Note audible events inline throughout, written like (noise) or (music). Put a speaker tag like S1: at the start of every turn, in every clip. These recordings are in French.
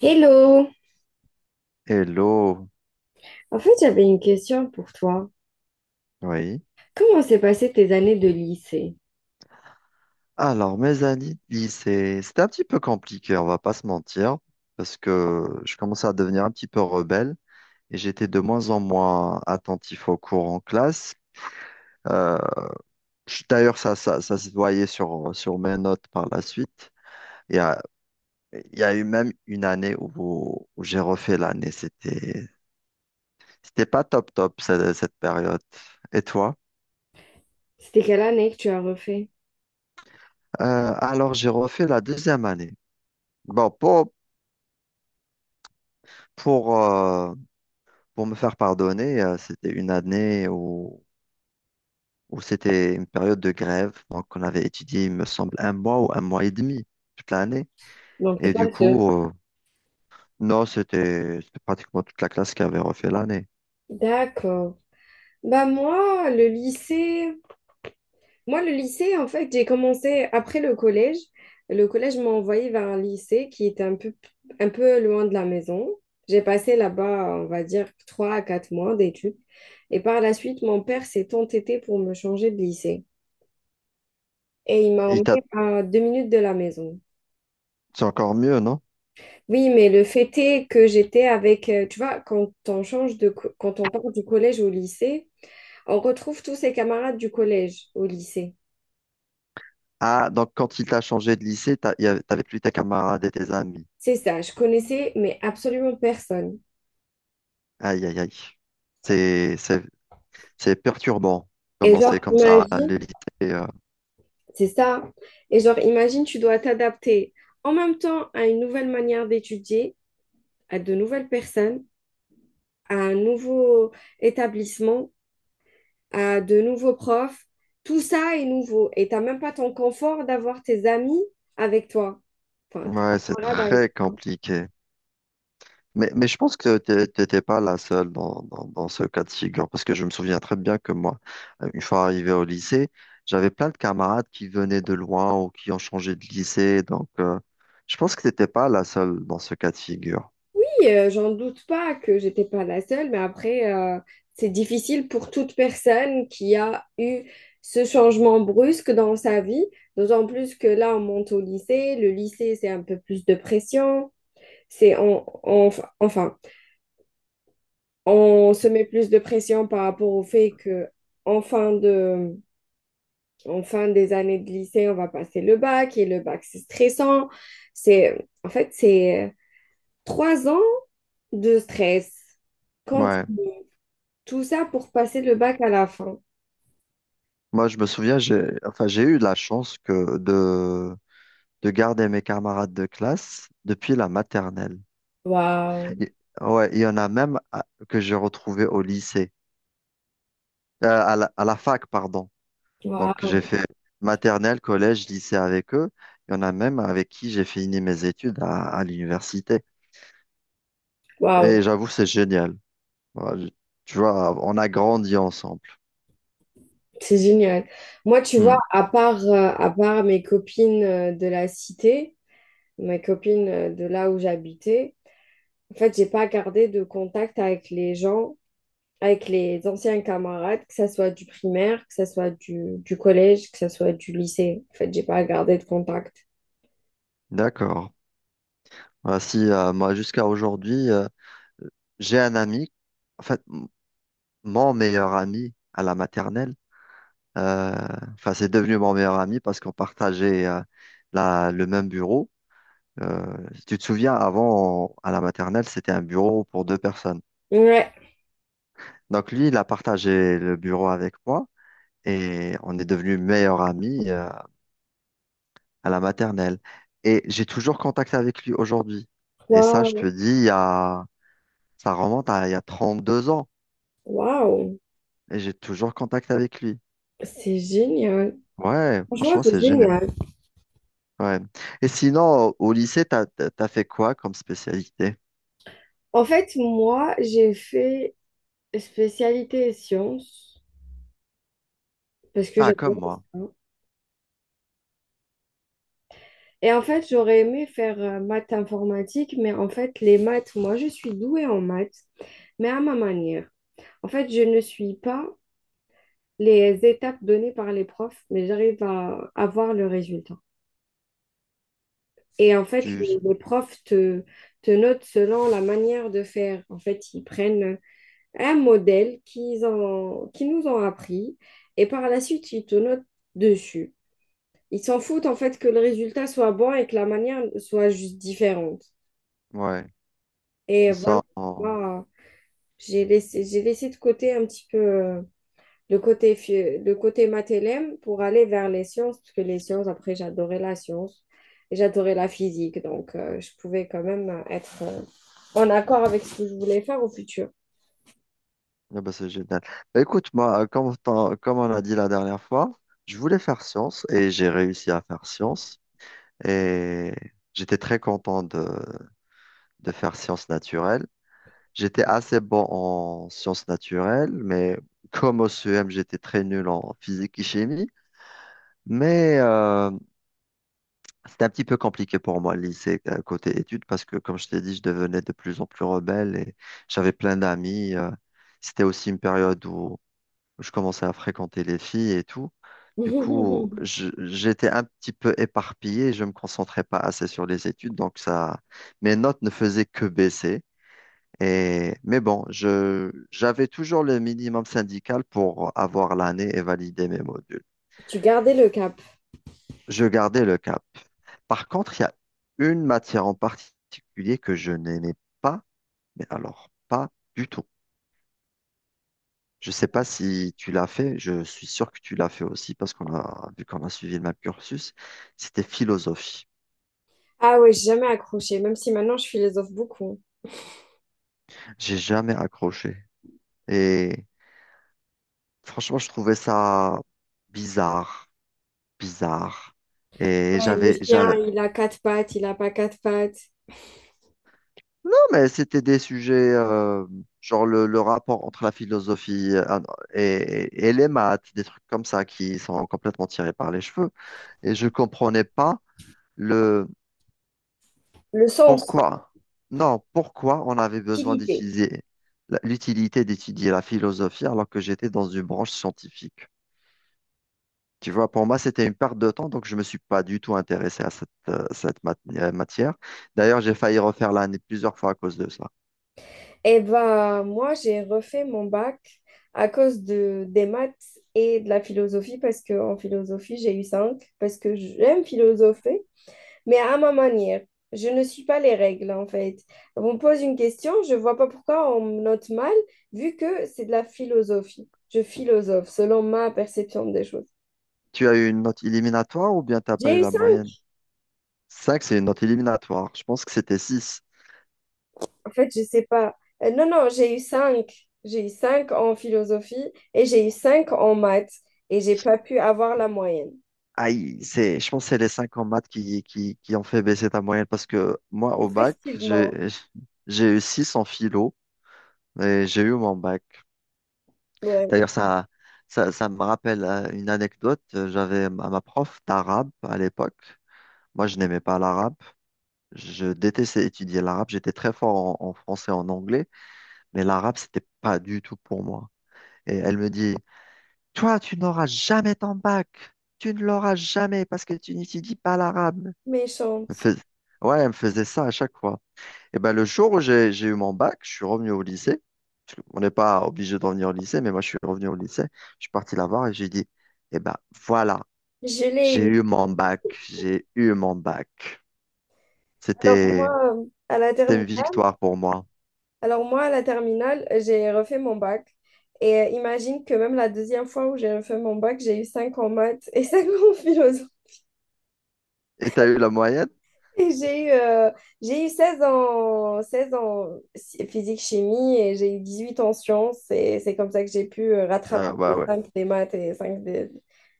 S1: Hello!
S2: Hello,
S1: En fait, j'avais une question pour toi.
S2: oui.
S1: Comment s'est passé tes années de lycée?
S2: Alors, mes années de lycée, c'était un petit peu compliqué, on va pas se mentir, parce que je commençais à devenir un petit peu rebelle et j'étais de moins en moins attentif aux cours en classe. Euh, D'ailleurs, ça se voyait sur mes notes par la suite. Il y a, il y a eu même une année où j'ai refait l'année. C'était pas top top cette période. Et toi?
S1: C'était quelle année que tu as refait?
S2: J'ai refait la deuxième année. Bon, pour, pour, euh, Pour me faire pardonner, c'était une année où c'était une période de grève. Donc, on avait étudié, il me semble, un mois ou un mois et demi toute l'année.
S1: Donc, t'es
S2: Et
S1: pas
S2: du
S1: le seul.
S2: coup, non, c'était pratiquement toute la classe qui avait refait l'année.
S1: D'accord. Bah moi, le lycée, moi le lycée, en fait, j'ai commencé après le collège. Le collège m'a envoyé vers un lycée qui était un peu loin de la maison. J'ai passé là-bas, on va dire, 3 à 4 mois d'études. Et par la suite, mon père s'est entêté pour me changer de lycée. Et il m'a
S2: Il
S1: emmené
S2: t'a-
S1: à 2 minutes de la maison.
S2: C'est encore mieux, non?
S1: Oui, mais le fait est que j'étais avec, tu vois, quand on change de, co- quand on part du collège au lycée, on retrouve tous ses camarades du collège au lycée.
S2: Ah, donc quand il t'a changé de lycée, t'avais plus tes camarades et tes amis.
S1: C'est ça, je connaissais, mais absolument personne.
S2: Aïe, aïe, aïe. C'est, c'est, c'est perturbant,
S1: Et
S2: commencer
S1: genre,
S2: comme ça à
S1: imagine,
S2: lycée. euh.
S1: c'est ça. Et genre, imagine, tu dois t'adapter en même temps à une nouvelle manière d'étudier, à de nouvelles personnes, à un nouveau établissement, à de nouveaux profs. Tout ça est nouveau et t'as même pas ton confort d'avoir tes amis avec toi. Enfin, tes
S2: Ouais, c'est
S1: camarades avec
S2: très
S1: toi.
S2: compliqué. Mais je pense que t'étais pas la seule dans ce cas de figure, parce que je me souviens très bien que moi, une fois arrivé au lycée, j'avais plein de camarades qui venaient de loin ou qui ont changé de lycée, donc je pense que t'étais pas la seule dans ce cas de figure.
S1: Oui, j'en doute pas que j'étais pas la seule, mais après, c'est difficile pour toute personne qui a eu ce changement brusque dans sa vie, d'autant plus que là, on monte au lycée. Le lycée, c'est un peu plus de pression. C'est on, on- enfin, on se met plus de pression par rapport au fait que en fin de en fin des années de lycée, on va passer le bac, et le bac, c'est stressant. C'est 3 ans de stress. Quand
S2: Ouais,
S1: tout ça pour passer le bac à la fin.
S2: moi je me souviens, enfin j'ai eu la chance de garder mes camarades de classe depuis la maternelle.
S1: Waouh,
S2: Et- ouais, il y en a même que j'ai retrouvé au lycée, à la fac, pardon. Donc, j'ai
S1: waouh,
S2: fait maternelle, collège, lycée avec eux. Il y en a même avec qui j'ai fini mes études à l'université.
S1: waouh,
S2: Et j'avoue, c'est génial. Voilà, tu vois, on a grandi ensemble.
S1: c'est génial. Moi, tu vois,
S2: Hmm,
S1: à part mes copines de la cité, mes copines de là où j'habitais, en fait, j'ai pas gardé de contact avec les gens avec les anciens camarades, que ça soit du primaire, que ça soit du collège, que ça soit du lycée. En fait, j'ai pas gardé de contact.
S2: d'accord. Voilà, si, moi, jusqu'à aujourd'hui, j'ai un ami, en fait, mon meilleur ami à la maternelle. euh, Enfin, c'est devenu mon meilleur ami parce qu'on partageait le même bureau. Euh, Si tu te souviens, avant, à la maternelle, c'était un bureau pour deux personnes.
S1: Ouais.
S2: Donc lui, il a partagé le bureau avec moi et on est devenus meilleurs amis à la maternelle. Et j'ai toujours contact avec lui aujourd'hui. Et ça, je te
S1: Waouh,
S2: dis, il y a... ça remonte à il y a 32 ans
S1: waouh,
S2: et j'ai toujours contact avec lui.
S1: c'est génial.
S2: Ouais,
S1: Franchement,
S2: franchement,
S1: c'est
S2: c'est génial.
S1: génial.
S2: Ouais. Et sinon, au lycée, t'as fait quoi comme spécialité?
S1: En fait, moi, j'ai fait spécialité sciences parce que
S2: Ah, comme
S1: j'adore
S2: moi.
S1: ça. Et en fait, j'aurais aimé faire maths informatique, mais en fait, les maths, moi, je suis douée en maths, mais à ma manière. En fait, je ne suis pas les étapes données par les profs, mais j'arrive à avoir le résultat. Et en fait,
S2: Tu...
S1: les profs te notent selon la manière de faire. En fait, ils prennent un modèle qu'ils nous ont appris et par la suite, ils te notent dessus. Ils s'en foutent en fait que le résultat soit bon et que la manière soit juste différente.
S2: Ouais,
S1: Et
S2: ils
S1: voilà,
S2: sont...
S1: moi, j'ai laissé de côté un petit peu le le côté matélème pour aller vers les sciences, parce que les sciences, après, j'adorais la science et j'adorais la physique, donc je pouvais quand même être en accord avec ce que je voulais faire au futur.
S2: Ah bah, c'est génial. Bah, écoute, moi, comme, comme on a dit la dernière fois, je voulais faire science et j'ai réussi à faire science. Et j'étais très content de faire sciences naturelles. J'étais assez bon en sciences naturelles, mais comme au CEM, j'étais très nul en physique et chimie. Mais c'était un petit peu compliqué pour moi, le lycée, côté études, parce que, comme je t'ai dit, je devenais de plus en plus rebelle et j'avais plein d'amis. C'était aussi une période où je commençais à fréquenter les filles et tout. Du coup,
S1: (laughs)
S2: j'étais un petit peu éparpillé, je me concentrais pas assez sur les études, donc ça, mes notes ne faisaient que baisser. Et, mais bon, j'avais toujours le minimum syndical pour avoir l'année et valider mes modules.
S1: Tu gardais le cap.
S2: Je gardais le cap. Par contre, il y a une matière en particulier que je n'aimais pas, mais alors pas du tout. Je sais pas si tu l'as fait, je suis sûr que tu l'as fait aussi parce vu qu'on a suivi le même cursus, c'était philosophie.
S1: Ah ouais, j'ai jamais accroché, même si maintenant je philosophe beaucoup.
S2: J'ai jamais accroché. Et franchement, je trouvais ça bizarre, bizarre. Et
S1: Ouais, le chien,
S2: non,
S1: il a quatre pattes, il a pas quatre pattes.
S2: mais c'était des sujets, genre le rapport entre la philosophie et les maths, des trucs comme ça qui sont complètement tirés par les cheveux. Et je comprenais pas
S1: Le sens,
S2: pourquoi? Non, pourquoi on avait besoin
S1: utilité.
S2: d'étudier l'utilité d'étudier la philosophie alors que j'étais dans une branche scientifique? Tu vois, pour moi, c'était une perte de temps, donc je ne me suis pas du tout intéressé à cette matière. D'ailleurs, j'ai failli refaire l'année plusieurs fois à cause de ça.
S1: Eh ben, moi, j'ai refait mon bac à cause des maths et de la philosophie, parce que en philosophie, j'ai eu 5 parce que j'aime philosopher, mais à ma manière. Je ne suis pas les règles, en fait. On me pose une question, je vois pas pourquoi on me note mal, vu que c'est de la philosophie. Je philosophe selon ma perception des choses.
S2: Tu as eu une note éliminatoire ou bien tu n'as pas eu
S1: J'ai eu
S2: la moyenne?
S1: 5
S2: 5, c'est une note éliminatoire. Je pense que c'était 6.
S1: en fait, je sais pas. Non, non, j'ai eu 5. J'ai eu 5 en philosophie et j'ai eu 5 en maths et j'ai pas pu avoir la moyenne.
S2: Aïe, c'est, je pense que c'est les 5 en maths qui ont fait baisser ta moyenne parce que moi, au bac,
S1: Effectivement,
S2: j'ai eu 6 en philo et j'ai eu mon bac.
S1: ouais,
S2: D'ailleurs, ça me rappelle une anecdote. J'avais ma prof d'arabe à l'époque. Moi, je n'aimais pas l'arabe. Je détestais étudier l'arabe. J'étais très fort en français, en anglais, mais l'arabe, c'était pas du tout pour moi. Et elle me dit, toi, tu n'auras jamais ton bac. Tu ne l'auras jamais parce que tu n'étudies pas l'arabe. Elle me
S1: méchante.
S2: fais- Ouais, elle me faisait ça à chaque fois. Et ben, le jour où j'ai eu mon bac, je suis revenu au lycée. Parce qu'on n'est pas obligé de revenir au lycée, mais moi, je suis revenu au lycée. Je suis parti la voir et j'ai dit, eh ben, voilà,
S1: Je l'ai
S2: j'ai
S1: eu.
S2: eu mon bac, j'ai eu mon bac.
S1: Alors
S2: C'était,
S1: moi, euh, à la
S2: c'était
S1: termi-
S2: une victoire pour moi.
S1: Alors moi, à la terminale, j'ai refait mon bac. Et imagine que même la deuxième fois où j'ai refait mon bac, j'ai eu 5 en maths et (laughs) 5 en philo.
S2: Et t'as eu la moyenne?
S1: Et j'ai eu 16 en physique-chimie et j'ai eu 18 en sciences. Et c'est comme ça que j'ai pu rattraper
S2: Ah, ouais,
S1: les
S2: ouais.
S1: 5 des maths et les 5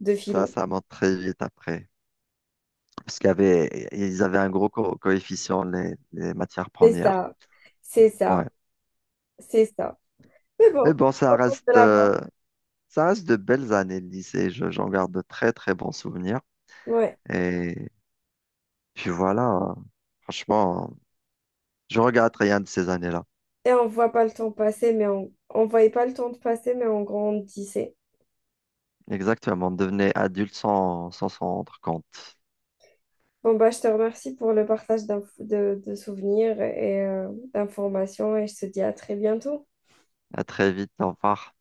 S1: de
S2: Ça,
S1: philo.
S2: ça monte très vite après. Parce qu'il y avait, ils avaient un gros coefficient, les matières
S1: C'est
S2: premières.
S1: ça, c'est ça,
S2: Ouais.
S1: c'est ça. Mais
S2: Mais
S1: bon, je
S2: bon,
S1: suis
S2: ça
S1: contente de
S2: reste,
S1: l'avoir.
S2: ça reste de belles années de lycée. J'en garde de très, très bons souvenirs.
S1: Ouais.
S2: Et puis voilà, franchement, je regrette rien de ces années-là.
S1: Et on voit pas le temps passer, mais on voyait pas le temps de passer, mais on grandissait.
S2: Exactement, devenez adulte sans s'en rendre compte.
S1: Bon, bah, je te remercie pour le partage de souvenirs et d'informations et je te dis à très bientôt.
S2: À très vite, au revoir.